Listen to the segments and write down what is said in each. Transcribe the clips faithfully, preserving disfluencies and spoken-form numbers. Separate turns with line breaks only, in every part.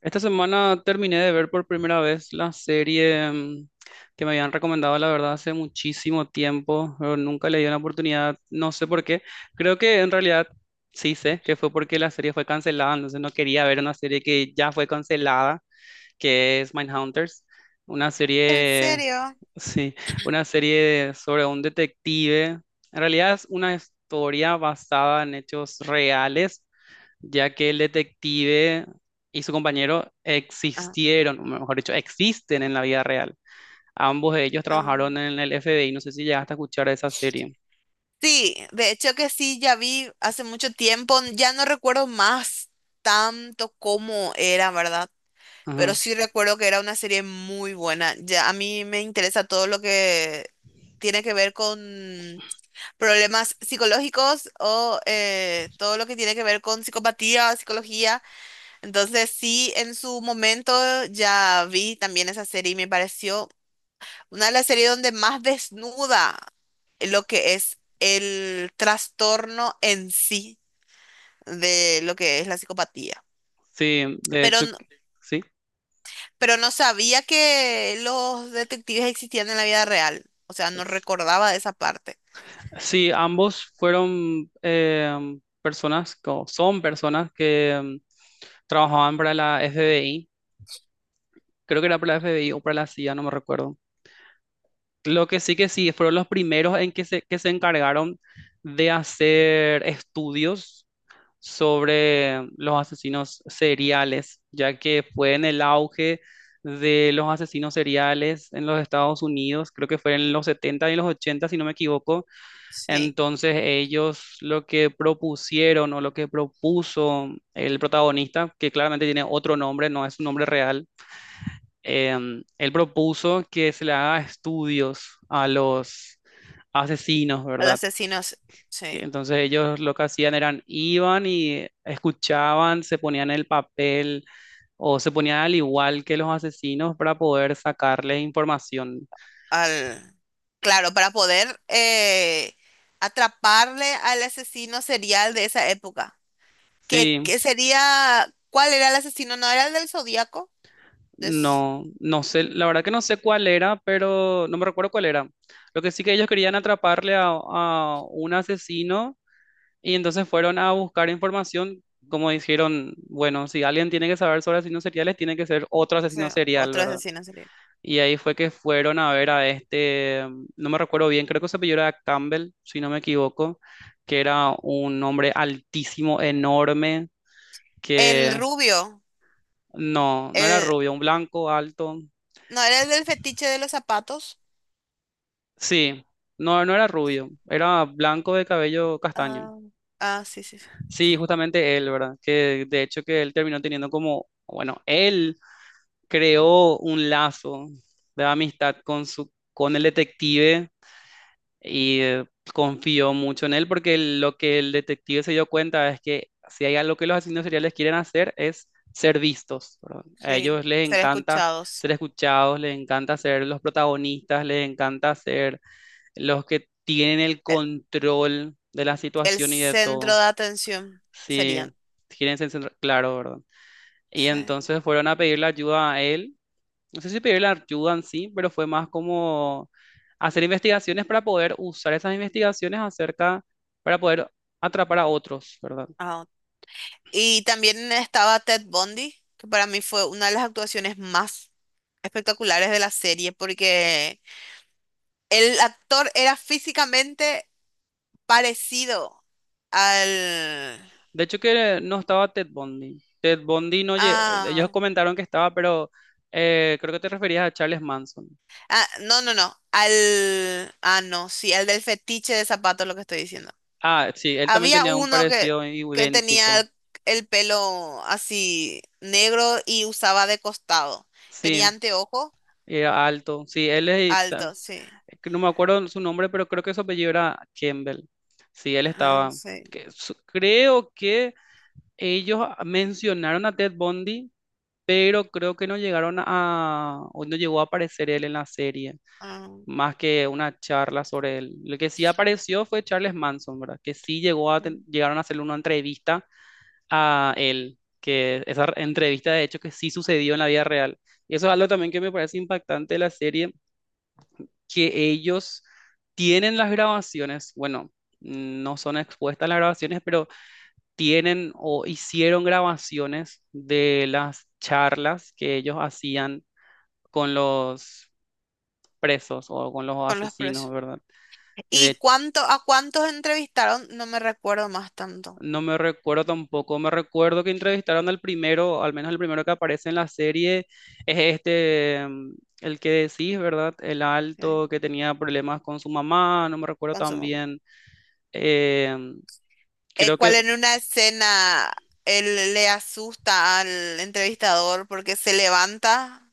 Esta semana terminé de ver por primera vez la serie mm, que me habían recomendado, la verdad, hace muchísimo tiempo, pero nunca le di una oportunidad, no sé por qué. Creo que en realidad sí sé que fue porque la serie fue cancelada, entonces no quería ver una serie que ya fue cancelada, que es Mindhunters, una
¿En
serie,
serio?
sí, una serie sobre un detective. En realidad es una historia basada en hechos reales ya que el detective y su compañero
Ah,
existieron, o mejor dicho, existen en la vida real. Ambos de ellos trabajaron
am.
en el F B I, no sé si llegaste a escuchar esa serie.
Sí, de hecho que sí, ya vi hace mucho tiempo, ya no recuerdo más tanto cómo era, ¿verdad? Pero
Ajá.
sí recuerdo que era una serie muy buena. Ya a mí me interesa todo lo que tiene que ver con problemas psicológicos o eh, todo lo que tiene que ver con psicopatía, psicología. Entonces sí, en su momento ya vi también esa serie y me pareció una de las series donde más desnuda lo que es el trastorno en sí de lo que es la psicopatía.
Sí, de
Pero,
hecho,
no-
sí.
pero no sabía que los detectives existían en la vida real. O sea, no recordaba de esa parte.
Sí, ambos fueron eh, personas, o son personas que mm, trabajaban para la F B I, creo que era para la F B I o para la C I A, no me recuerdo. Lo que sí que sí, fueron los primeros en que se, que se encargaron de hacer estudios sobre los asesinos seriales, ya que fue en el auge de los asesinos seriales en los Estados Unidos, creo que fue en los setenta y los ochenta si no me equivoco.
Sí.
Entonces ellos lo que propusieron o lo que propuso el protagonista, que claramente tiene otro nombre, no es su nombre real, em, él propuso que se le haga estudios a los asesinos,
Al
¿verdad?
asesino, s-
Que
sí.
entonces ellos lo que hacían eran iban y escuchaban, se ponían el papel o se ponían al igual que los asesinos para poder sacarles información.
Al... Claro, para poder eh, atraparle al asesino serial de esa época. ¿Que
Sí,
que sería? ¿Cuál era el asesino? ¿No era el del Zodíaco?
no, no sé, la verdad que no sé cuál era, pero no me recuerdo cuál era. Lo que sí que ellos querían atraparle a, a un asesino y entonces fueron a buscar información. Como dijeron, bueno, si alguien tiene que saber sobre asesinos seriales, tiene que ser otro
Sí,
asesino serial,
otro
¿verdad?
asesino serial.
Y ahí fue que fueron a ver a este, mm, no me recuerdo bien, creo que se apellidó era Campbell, si no me equivoco, que era un hombre altísimo, enorme,
El
que
rubio.
no, no era
El...
rubio, un blanco alto.
¿No era el del fetiche de los zapatos?
Sí, no, no era rubio, era blanco de cabello castaño.
Ah, ah, sí, sí, sí.
Sí, justamente él, ¿verdad? Que de hecho que él terminó teniendo como, bueno, él creó un lazo de amistad con su, con el detective. Y eh, confió mucho en él porque lo que el detective se dio cuenta es que si hay algo que los asesinos
Mm.
seriales quieren hacer es ser vistos, ¿verdad? A
Sí,
ellos les
ser
encanta
escuchados.
ser escuchados, les encanta ser los protagonistas, les encanta ser los que tienen el
El,
control de la
el
situación y de
centro
todo.
de atención
Sí,
serían.
quieren ser, centra- claro, ¿verdad? Y
Sí.
entonces fueron a pedirle ayuda a él, no sé si pedir la ayuda en sí, pero fue más como hacer investigaciones para poder usar esas investigaciones acerca, para poder atrapar a otros, ¿verdad?
Ah, ok. Y también estaba Ted Bundy, que para mí fue una de las actuaciones más espectaculares de la serie, porque el actor era físicamente parecido al...
De hecho que no estaba Ted Bundy. Ted Bundy no, lle- ellos
a-
comentaron que estaba, pero eh, creo que te referías a Charles Manson.
Ah, no, no, no. Al. Ah, no, sí, al del fetiche de zapatos, lo que estoy diciendo.
Ah, sí, él también
Había
tenía un
uno que,
parecido
que
idéntico.
tenía el pelo así negro y usaba de costado. Tenía
Sí,
anteojos
era alto. Sí, él es, ta-
altos, sí.
que no me acuerdo su nombre, pero creo que su apellido era Campbell. Sí, él
Ah,
estaba.
sí.
Que su- creo que ellos mencionaron a Ted Bundy, pero creo que no llegaron a, o no llegó a aparecer él en la serie,
Ah,
más que una charla sobre él. Lo que sí apareció fue Charles Manson, ¿verdad? Que sí llegó a, ten-
sí.
llegaron a hacerle una entrevista a él, que esa entrevista de hecho que sí sucedió en la vida real. Y eso es algo también que me parece impactante de la serie, que ellos tienen las grabaciones, bueno, no son expuestas las grabaciones, pero tienen o hicieron grabaciones de las charlas que ellos hacían con los presos o con los
Con los
asesinos,
precios.
¿verdad? Y De,
¿Y
hecho,
cuánto, a cuántos entrevistaron? No me recuerdo más tanto.
no me recuerdo tampoco, me recuerdo que entrevistaron al primero, al menos el primero que aparece en la serie, es este, mm, el que decís, ¿verdad? El alto
Sí,
que tenía problemas con su mamá, no me recuerdo
con su
tan
nombre.
bien. Em,
Eh,
creo
¿cuál
que...
en una escena él le asusta al entrevistador porque se levanta?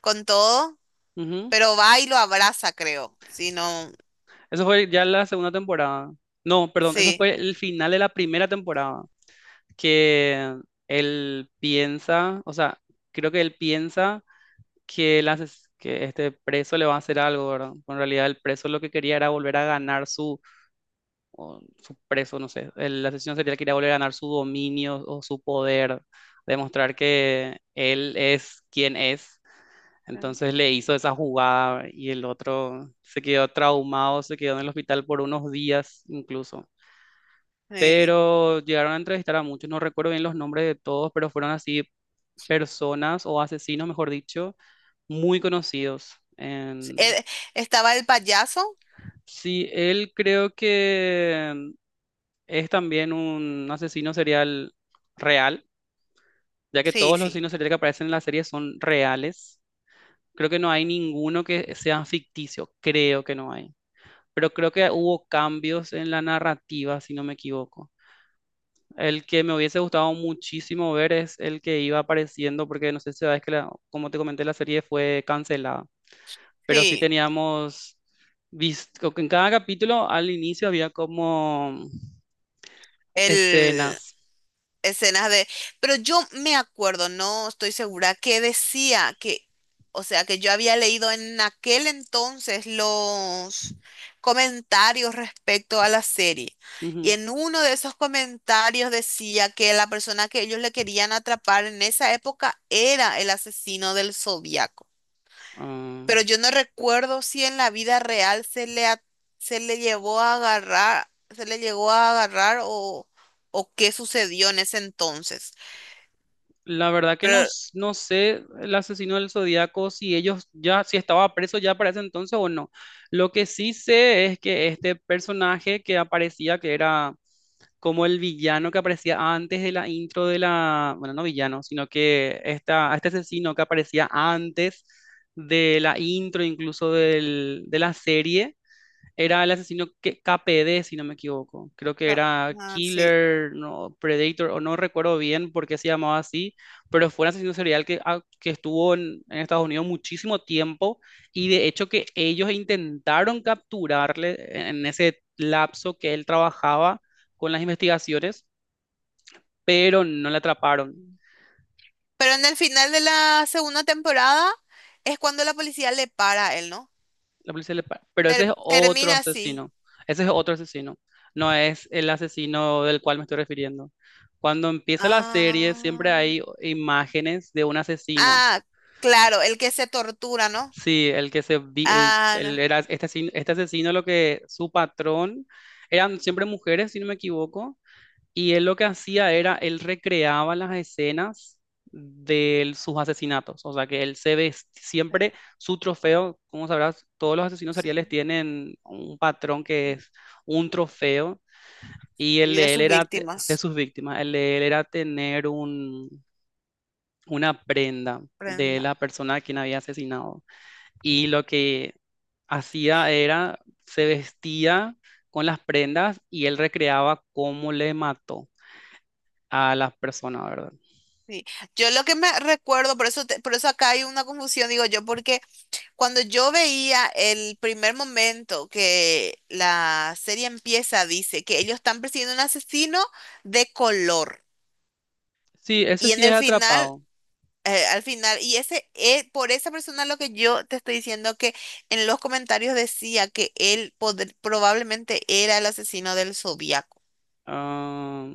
Con todo,
Ujú.
pero va y lo abraza, creo. Si no,
Eso fue ya la segunda temporada. No, perdón, eso
sí.
fue el final de la primera temporada. Que él piensa, o sea, creo que él piensa que, el ases- que este preso le va a hacer algo, ¿verdad? Pero en realidad el preso lo que quería era volver a ganar su, o su preso, no sé, el asesino serial quería volver a ganar su dominio o su poder, demostrar que él es quien es. Entonces le hizo esa jugada y el otro se quedó traumado, se quedó en el hospital por unos días incluso,
Sí.
pero llegaron a entrevistar a muchos, no recuerdo bien los nombres de todos, pero fueron así personas o asesinos, mejor dicho, muy conocidos.
Sí.
En-
Eh, estaba el payaso.
sí, él creo que es también un asesino serial real, ya que
Sí,
todos los
sí.
asesinos seriales que aparecen en la serie son reales. Creo que no hay ninguno que sea ficticio, creo que no hay. Pero creo que hubo cambios en la narrativa, si no me equivoco. El que me hubiese gustado muchísimo ver es el que iba apareciendo, porque no sé si sabes que, la- como te comenté, la serie fue cancelada, pero sí
Sí.
teníamos visto que en cada capítulo al inicio había como
El
escenas.
escenas de... Pero yo me acuerdo, no estoy segura, que decía que, o sea, que yo había leído en aquel entonces los comentarios respecto a la serie. Y
Ujú.
en uno de esos comentarios decía que la persona que ellos le querían atrapar en esa época era el asesino del Zodíaco.
Ah,
Pero yo no recuerdo si en la vida real se le, a- se le llevó a agarrar, se le llegó a agarrar o o qué sucedió en ese entonces.
la verdad que no,
Pero,
s- no sé el asesino del Zodíaco si ellos ya, si estaba preso ya para ese entonces o no. Lo que sí sé es que este personaje que aparecía, que era como el villano que aparecía antes de la intro de la, bueno, no villano, sino que esta, este asesino que aparecía antes de la intro incluso del- de la serie, era el asesino que, K P D, si no me equivoco. Creo que
Cap-
era
ah, sí.
Killer, no, Predator, o no recuerdo bien por qué se llamaba así, pero fue un asesino serial que, ah, que estuvo en, en Estados Unidos muchísimo tiempo y de hecho que ellos intentaron capturarle en, en ese lapso que él trabajaba con las investigaciones, pero no le atraparon.
Pero en el final de la segunda temporada es cuando la policía le para a él, ¿no?
La policía le para. Pero ese es
Ter-
otro
termina así.
asesino. Ese es otro asesino. No es el asesino del cual me estoy refiriendo. Cuando empieza la serie, siempre
Ah,
hay imágenes de un asesino.
ah, claro, el que se tortura, ¿no?
Sí, el que se vi- el,
Ah,
el-
no.
era este asesino, este asesino lo que su patrón eran siempre mujeres, si no me equivoco, y él lo que hacía era, él recreaba las escenas de él- sus asesinatos. O sea, que él se vestía,
Eh,
siempre su trofeo, como sabrás, todos los asesinos seriales
sí.
tienen un patrón que es un trofeo. Y el
Y de
de él
sus
era, te- de
víctimas.
sus víctimas, el de él era tener un, una prenda de
Prenda.
la persona a quien había asesinado. Y lo que hacía era, se vestía con las prendas y él recreaba cómo le mató a las personas, ¿verdad?
Sí. Yo lo que me recuerdo, por eso, te- por eso acá hay una confusión, digo yo, porque cuando yo veía el primer momento que la serie empieza, dice que ellos están persiguiendo un asesino de color.
Sí, ese
Y en
sí es
el final,
atrapado.
eh, al final, y ese, eh, por esa persona lo que yo te estoy diciendo que en los comentarios decía que él poder- probablemente era el asesino del Zodíaco.
Ah,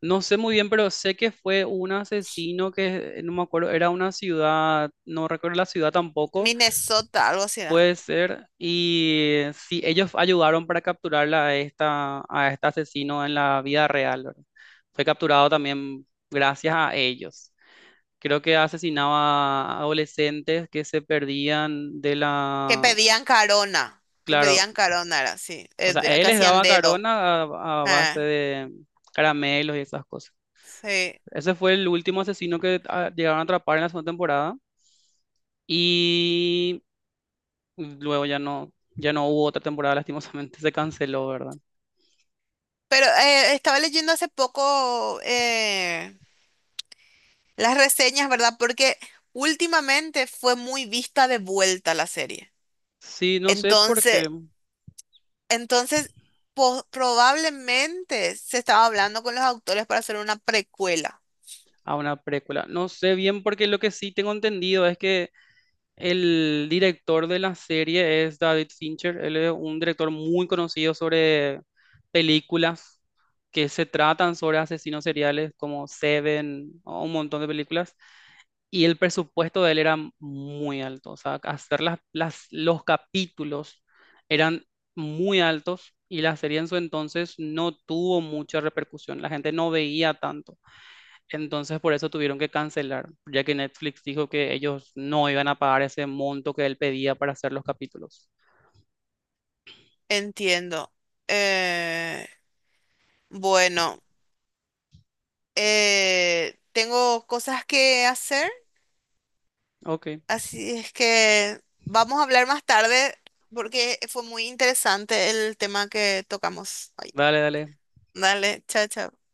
no sé muy bien, pero sé que fue un asesino que, eh, no me acuerdo, era una ciudad, no recuerdo la ciudad tampoco,
Minnesota, algo así era.
puede ser. Y sí, ellos ayudaron para capturarla a, esta, a este asesino en la vida real, ¿verdad? Fue capturado también gracias a ellos. Creo que asesinaba a adolescentes que se perdían de
Que
la...
pedían carona, que
Claro,
pedían carona, era así,
o
eh,
sea,
de-
él
que
les
hacían
daba
dedo.
carona a, a base
Ah,
de caramelos y esas cosas.
sí.
Ese fue el último asesino que ah, llegaron a atrapar en la segunda temporada. Y luego ya no, ya no hubo otra temporada, lastimosamente. Se canceló, ¿verdad?
Pero eh, estaba leyendo hace poco eh, las reseñas, ¿verdad? Porque últimamente fue muy vista de vuelta la serie.
Sí, no sé por qué.
Entonces, entonces po- probablemente se estaba hablando con los autores para hacer una precuela.
A una precuela. No sé bien porque lo que sí tengo entendido es que el director de la serie es David Fincher. Él es un director muy conocido sobre películas que se tratan sobre asesinos seriales como Seven o un montón de películas. Y el presupuesto de él era muy alto. O sea, hacer las, las- los capítulos eran muy altos y la serie en su entonces no tuvo mucha repercusión. La gente no veía tanto. Entonces por eso tuvieron que cancelar, ya que Netflix dijo que ellos no iban a pagar ese monto que él pedía para hacer los capítulos.
Entiendo. Eh, bueno, eh, tengo cosas que hacer,
Ok,
así es que vamos a hablar más tarde porque fue muy interesante el tema que tocamos hoy.
dale, dale.
Dale, chao, chao.